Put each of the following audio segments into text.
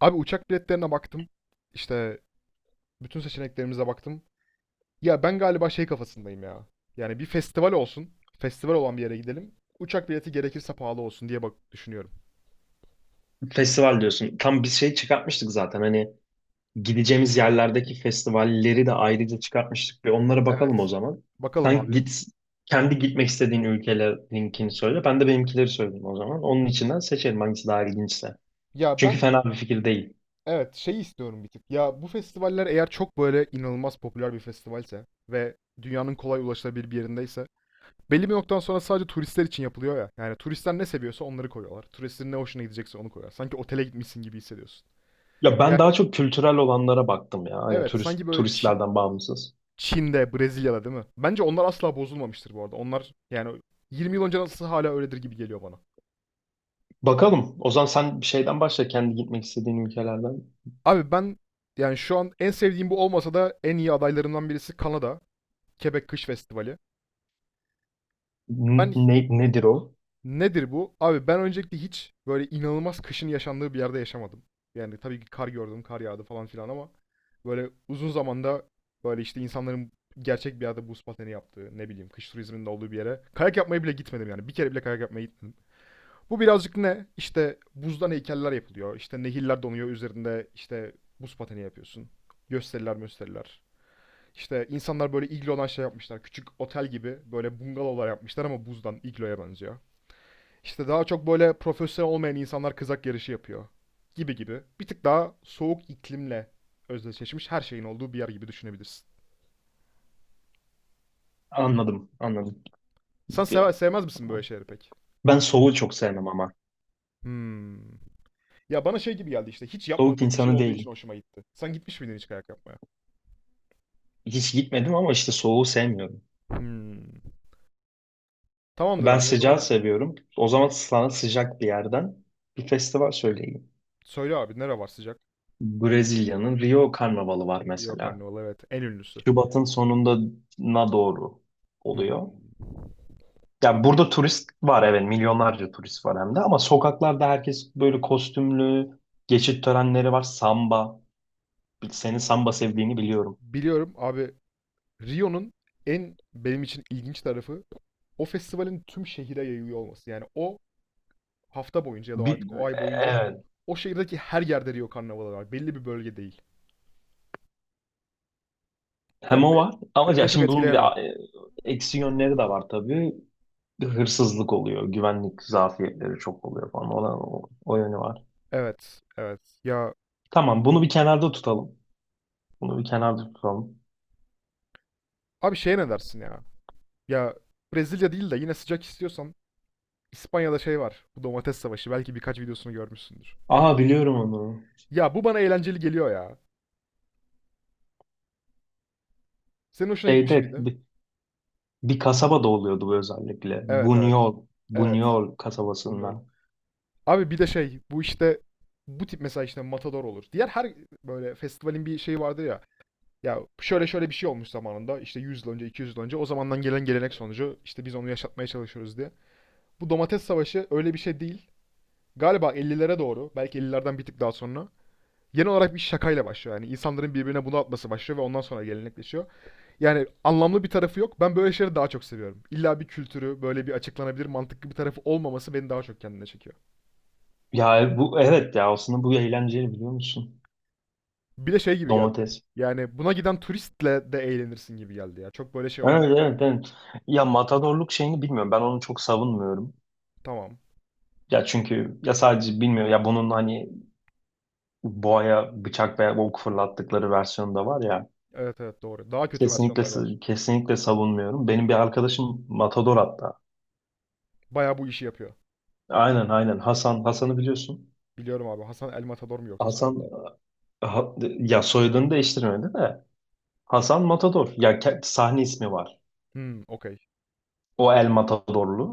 Abi uçak biletlerine baktım. İşte bütün seçeneklerimize baktım. Ya ben galiba şey kafasındayım ya. Yani bir festival olsun. Festival olan bir yere gidelim. Uçak bileti gerekirse pahalı olsun diye bak düşünüyorum. Festival diyorsun. Tam bir şey çıkartmıştık zaten. Hani gideceğimiz yerlerdeki festivalleri de ayrıca çıkartmıştık. Bir onlara bakalım o Evet. zaman. Bakalım Sen abi. git kendi gitmek istediğin ülkelerin söyle. Ben de benimkileri söyleyeyim o zaman. Onun içinden seçelim hangisi daha ilginçse. Ya Çünkü ben fena bir fikir değil. evet şey istiyorum bir tık. Ya bu festivaller eğer çok böyle inanılmaz popüler bir festivalse ve dünyanın kolay ulaşılabilir bir yerindeyse belli bir noktadan sonra sadece turistler için yapılıyor ya. Yani turistler ne seviyorsa onları koyuyorlar. Turistlerin ne hoşuna gidecekse onu koyuyorlar. Sanki otele gitmişsin gibi hissediyorsun. Ya ben Yani daha çok kültürel olanlara baktım ya. Hani evet turist, sanki böyle turistlerden bağımsız. Çin'de, Brezilya'da değil mi? Bence onlar asla bozulmamıştır bu arada. Onlar yani 20 yıl önce nasıl hala öyledir gibi geliyor bana. Bakalım. O zaman sen bir şeyden başla. Kendi gitmek istediğin ülkelerden. Abi ben yani şu an en sevdiğim bu olmasa da en iyi adaylarından birisi Kanada. Quebec Kış Festivali. Ben Nedir o? nedir bu? Abi ben öncelikle hiç böyle inanılmaz kışın yaşandığı bir yerde yaşamadım. Yani tabii ki kar gördüm, kar yağdı falan filan ama böyle uzun zamanda böyle işte insanların gerçek bir yerde buz pateni yaptığı, ne bileyim kış turizminin de olduğu bir yere kayak yapmaya bile gitmedim yani. Bir kere bile kayak yapmaya gitmedim. Bu birazcık ne? İşte buzdan heykeller yapılıyor. İşte nehirler donuyor. Üzerinde işte buz pateni yapıyorsun. Gösteriler gösteriler. İşte insanlar böyle iglodan şey yapmışlar. Küçük otel gibi böyle bungalovlar yapmışlar ama buzdan igloya benziyor. İşte daha çok böyle profesyonel olmayan insanlar kızak yarışı yapıyor. Gibi gibi. Bir tık daha soğuk iklimle özdeşleşmiş her şeyin olduğu bir yer gibi düşünebilirsin. Anladım, anladım. Sen Ya, sevmez misin böyle şeyleri pek? Ben soğuğu çok sevmem ama. Hmm. Ya bana şey gibi geldi işte hiç Soğuk yapmadığım bir şey insanı olduğu için değilim. hoşuma gitti. Sen gitmiş miydin hiç kayak yapmaya? Hiç gitmedim ama işte soğuğu sevmiyorum. Hmm. Tamamdır Ben abi. O sıcağı zaman seviyorum. O zaman sana sıcak bir yerden bir festival söyleyeyim. söyle abi nere var sıcak? Brezilya'nın Rio Karnavalı var Rio mesela. Karnavalı evet en ünlüsü. Şubat'ın sonuna doğru oluyor. Hmm. Yani burada turist var, evet, milyonlarca turist var hem de, ama sokaklarda herkes böyle kostümlü, geçit törenleri var, samba. Senin samba sevdiğini biliyorum. Biliyorum abi Rio'nun en benim için ilginç tarafı o festivalin tüm şehire yayılıyor olması. Yani o hafta boyunca ya da Bir, artık o ay boyunca evet, o şehirdeki her yerde Rio Karnavalı var. Belli bir bölge değil. hem Yani o var ama beni en ya çok şimdi bunun bir etkileyen de o. Eksi yönleri de var tabii. Hırsızlık oluyor, güvenlik zafiyetleri çok oluyor falan. Ona, o yönü var. Evet, evet. Ya Tamam, bunu bir kenarda tutalım. Bunu bir kenarda tutalım. abi şeye ne dersin ya? Ya Brezilya değil de yine sıcak istiyorsan İspanya'da şey var. Bu domates savaşı. Belki birkaç videosunu görmüşsündür. Aa, biliyorum onu. Ya bu bana eğlenceli geliyor ya. Senin hoşuna gitmiş Şeyde miydi? bir kasabada oluyordu bu özellikle. Evet evet. Bunyol, Evet. Bunyol Buñuel. kasabasında. Abi bir de şey bu işte bu tip mesela işte Matador olur. Diğer her böyle festivalin bir şeyi vardır ya. Ya şöyle şöyle bir şey olmuş zamanında işte 100 yıl önce 200 yıl önce o zamandan gelen gelenek sonucu işte biz onu yaşatmaya çalışıyoruz diye. Bu domates savaşı öyle bir şey değil. Galiba 50'lere doğru belki 50'lerden bir tık daha sonra genel olarak bir şakayla başlıyor. Yani insanların birbirine bunu atması başlıyor ve ondan sonra gelenekleşiyor. Yani anlamlı bir tarafı yok. Ben böyle şeyleri daha çok seviyorum. İlla bir kültürü, böyle bir açıklanabilir mantıklı bir tarafı olmaması beni daha çok kendine çekiyor. Ya bu evet ya aslında bu eğlenceli, biliyor musun? Bir de şey gibi geldi. Domates. Yani buna giden turistle de eğlenirsin gibi geldi ya. Çok böyle şey Evet, olmaz yani. evet, evet. Ya matadorluk şeyini bilmiyorum. Ben onu çok savunmuyorum. Tamam. Ya çünkü ya sadece bilmiyorum ya bunun hani boğaya bıçak veya ok fırlattıkları versiyonu da var ya. Evet evet doğru. Daha kötü Kesinlikle versiyonları var. kesinlikle savunmuyorum. Benim bir arkadaşım Matador hatta. Bayağı bu işi yapıyor. Aynen aynen, Hasan'ı biliyorsun. Biliyorum abi. Hasan El Matador mu yoksa Hasan soyadı da? ha- ya soyadını değiştirmedi de Hasan Matador. Ya sahne ismi var. Hmm, okey. O El Matadorlu.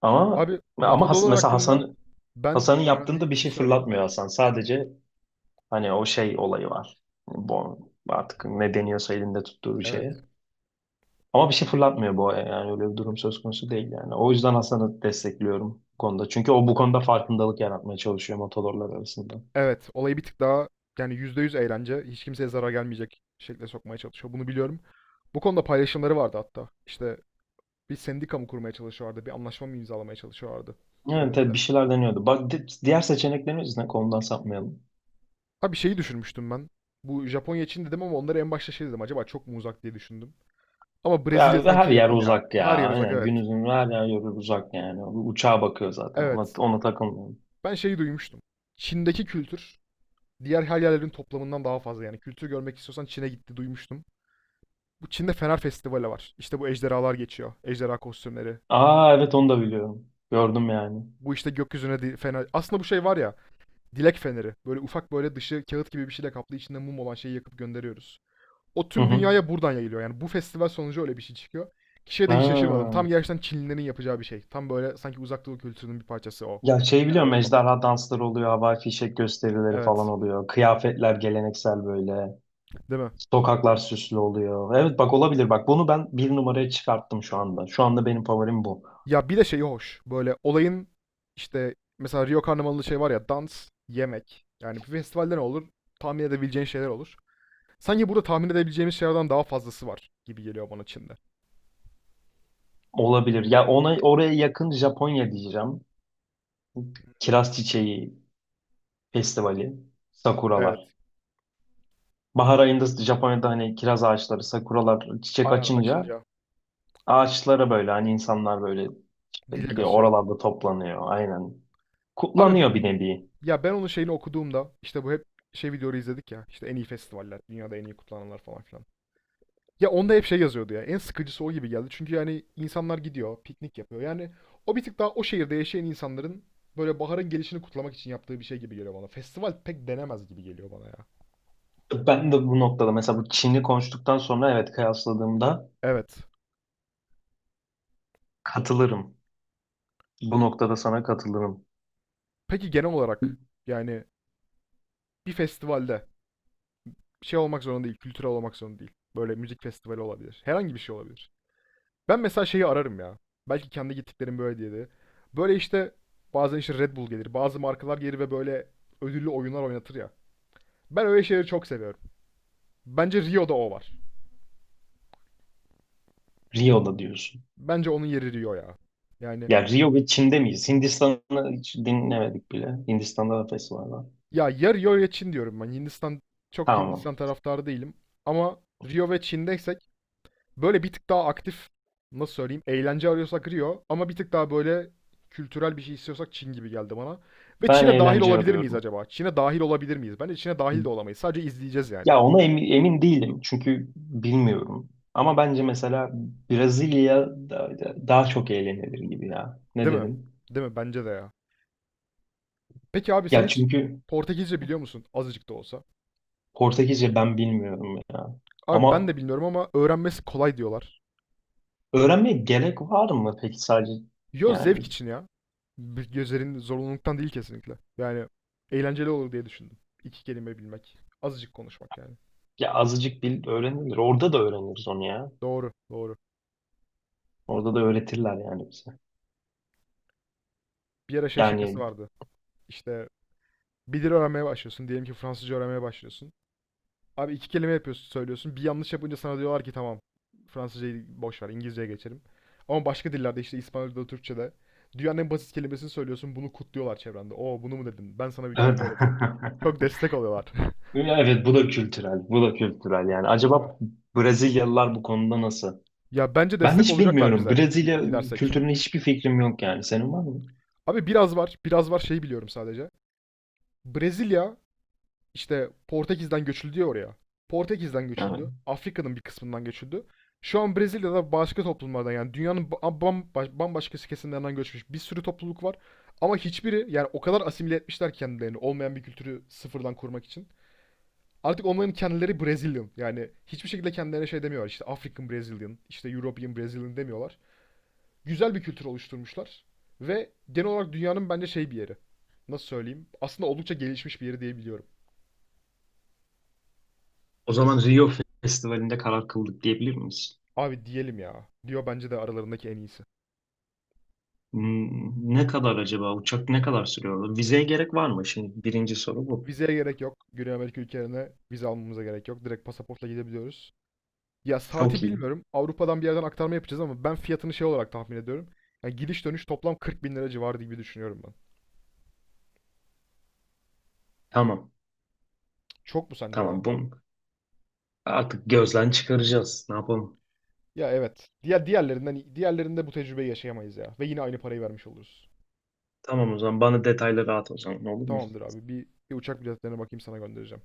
Ama Abi ama matadorlar mesela hakkında Hasan ben Hasan'ın yaptığında öğrendiğim bir bir şey şey söyleyeyim. fırlatmıyor Hasan. Sadece hani o şey olayı var. Bu artık ne deniyorsa elinde tuttuğu bir Evet. şeye. Ama bir şey fırlatmıyor bu aya, yani öyle bir durum söz konusu değil yani. O yüzden Hasan'ı destekliyorum bu konuda. Çünkü o bu konuda farkındalık yaratmaya çalışıyor motorlar arasında. Evet, olayı bir tık daha yani %100 eğlence, hiç kimseye zarar gelmeyecek şekilde sokmaya çalışıyor. Bunu biliyorum. Bu konuda paylaşımları vardı hatta. İşte bir sendika mı kurmaya çalışıyorlardı, bir anlaşma mı imzalamaya çalışıyorlardı Yani tabii devletle. bir şeyler deniyordu. Bak, diğer seçeneklerimiz ne? Konudan sapmayalım. Ha bir şeyi düşünmüştüm ben. Bu Japonya için dedim ama onları en başta şey dedim. Acaba çok mu uzak diye düşündüm. Ama Brezilya Ya, ve her sanki yer yakın ya. uzak Her yer ya. uzak Yani evet. günümüzün her yer yolu uzak yani. Uçağa bakıyor zaten. Ona, Evet. ona takılmıyorum. Ben şeyi duymuştum. Çin'deki kültür diğer her yerlerin toplamından daha fazla yani. Kültür görmek istiyorsan Çin'e gitti duymuştum. Bu Çin'de Fener Festivali var. İşte bu ejderhalar geçiyor. Ejderha kostümleri. Aa evet, onu da biliyorum. Gördüm yani. Bu işte gökyüzüne fener. Aslında bu şey var ya. Dilek feneri. Böyle ufak böyle dışı kağıt gibi bir şeyle kaplı içinde mum olan şeyi yakıp gönderiyoruz. O Hı tüm hı. dünyaya buradan yayılıyor. Yani bu festival sonucu öyle bir şey çıkıyor. Kişiye de hiç şaşırmadım. Ha. Tam gerçekten Çinlilerin yapacağı bir şey. Tam böyle sanki uzak doğu kültürünün bir parçası o. Ya şey, Fener biliyorum yollama. ejderha dansları oluyor. Havai fişek gösterileri falan Evet. oluyor. Kıyafetler geleneksel böyle. Değil mi? Sokaklar süslü oluyor. Evet, bak olabilir, bak bunu ben bir numaraya çıkarttım şu anda. Şu anda benim favorim bu. Ya bir de şey hoş. Böyle olayın işte mesela Rio Karnavalı'nda şey var ya dans, yemek. Yani bir festivalde ne olur? Tahmin edebileceğin şeyler olur. Sanki burada tahmin edebileceğimiz şeylerden daha fazlası var gibi geliyor bana Çin'de. Olabilir. Ya oraya yakın Japonya diyeceğim. Hmm. Kiraz Çiçeği Festivali, Evet. sakuralar. Bahar ayında Japonya'da hani kiraz ağaçları, sakuralar çiçek Aynen açınca açınca ağaçlara böyle hani insanlar böyle işte dile gidiyor, kasıyor. oralarda toplanıyor. Aynen. Abi Kutlanıyor bir nevi. ya ben onun şeyini okuduğumda işte bu hep şey videoları izledik ya işte en iyi festivaller, dünyada en iyi kutlananlar falan filan. Ya onda hep şey yazıyordu ya en sıkıcısı o gibi geldi. Çünkü yani insanlar gidiyor, piknik yapıyor. Yani o bir tık daha o şehirde yaşayan insanların böyle baharın gelişini kutlamak için yaptığı bir şey gibi geliyor bana. Festival pek denemez gibi geliyor bana ya. Ben de bu noktada, mesela bu Çin'i konuştuktan sonra, evet kıyasladığımda Evet. katılırım. Bu noktada sana katılırım. Peki genel olarak yani bir festivalde şey olmak zorunda değil, kültürel olmak zorunda değil. Böyle müzik festivali olabilir. Herhangi bir şey olabilir. Ben mesela şeyi ararım ya. Belki kendi gittiklerim böyle diye de. Böyle işte bazen işte Red Bull gelir, bazı markalar gelir ve böyle ödüllü oyunlar oynatır ya. Ben öyle şeyleri çok seviyorum. Bence Rio'da o var. Rio'da diyorsun. Bence onun yeri Rio ya. Yani Ya Rio ve Çin'de miyiz? Hindistan'ı hiç dinlemedik bile. Hindistan'da da festival var. ya ya Rio ya Çin diyorum ben. Hindistan çok Tamam. Hindistan taraftarı değilim. Ama Rio ve Çin'deysek böyle bir tık daha aktif nasıl söyleyeyim eğlence arıyorsak Rio ama bir tık daha böyle kültürel bir şey istiyorsak Çin gibi geldi bana. Ve Ben Çin'e dahil eğlence olabilir miyiz arıyorum. acaba? Çin'e dahil olabilir miyiz? Bence Çin'e dahil de olamayız. Sadece izleyeceğiz yani. Ya ona emin değilim. Çünkü bilmiyorum. Ama bence mesela Brezilya daha çok eğlenilir gibi ya. Ne Değil mi? dedim? Değil mi? Bence de ya. Peki abi sen Ya hiç çünkü Portekizce biliyor musun? Azıcık da olsa. Portekizce ben bilmiyorum ya. Abi ben de Ama bilmiyorum ama öğrenmesi kolay diyorlar. öğrenmeye gerek var mı peki sadece? Yo Yani zevk için ya. Bir Gözlerin zorunluluktan değil kesinlikle. Yani eğlenceli olur diye düşündüm. İki kelime bilmek. Azıcık konuşmak yani. ya azıcık bil, öğrenilir. Orada da öğreniriz onu ya. Doğru, doğru. Orada da öğretirler yani bize. Bir ara şey şakası Yani vardı. İşte bir dil öğrenmeye başlıyorsun. Diyelim ki Fransızca öğrenmeye başlıyorsun. Abi iki kelime yapıyorsun, söylüyorsun. Bir yanlış yapınca sana diyorlar ki tamam Fransızcayı boş ver İngilizceye geçelim. Ama başka dillerde işte İspanyolca'da, Türkçe'de dünyanın en basit kelimesini söylüyorsun. Bunu kutluyorlar çevrende. Oo bunu mu dedin? Ben sana bir evet. kelime öğreteyim. Çok destek oluyorlar. Ya evet, bu da kültürel. Bu da kültürel yani. Değil mi? Acaba Brezilyalılar bu konuda nasıl? Ya bence Ben destek hiç olacaklar bilmiyorum. bize Brezilya gidersek. kültürüne hiçbir fikrim yok yani. Senin var mı? Abi biraz var, biraz var şeyi biliyorum sadece. Brezilya. İşte Portekiz'den göçüldü ya oraya. Portekiz'den Evet. göçüldü. Afrika'nın bir kısmından göçüldü. Şu an Brezilya'da başka toplumlardan yani dünyanın bambaşka kesimlerinden göçmüş bir sürü topluluk var. Ama hiçbiri yani o kadar asimile etmişler kendilerini olmayan bir kültürü sıfırdan kurmak için. Artık onların kendileri Brazilian. Yani hiçbir şekilde kendilerine şey demiyorlar. İşte African Brazilian, işte European Brazilian demiyorlar. Güzel bir kültür oluşturmuşlar. Ve genel olarak dünyanın bence şey bir yeri. Nasıl söyleyeyim? Aslında oldukça gelişmiş bir yeri diyebiliyorum. O zaman Rio Festivali'nde karar kıldık diyebilir miyiz? Abi diyelim ya. Diyor bence de aralarındaki en iyisi. Hmm, ne kadar acaba? Uçak ne kadar sürüyor? Vizeye gerek var mı? Şimdi birinci soru bu. Vizeye gerek yok. Güney Amerika ülkelerine vize almamıza gerek yok. Direkt pasaportla gidebiliyoruz. Ya Çok saati iyi. bilmiyorum. Avrupa'dan bir yerden aktarma yapacağız ama ben fiyatını şey olarak tahmin ediyorum. Yani gidiş dönüş toplam 40 bin lira civarı gibi düşünüyorum ben. Tamam. Çok mu sence ya? Tamam. Bunu artık gözden çıkaracağız. Ne yapalım? Ya evet. Diğerlerinde bu tecrübeyi yaşayamayız ya. Ve yine aynı parayı vermiş oluruz. Tamam, o zaman bana detayları at o zaman, olur mu? Tamamdır abi. Bir uçak biletlerine bakayım sana göndereceğim.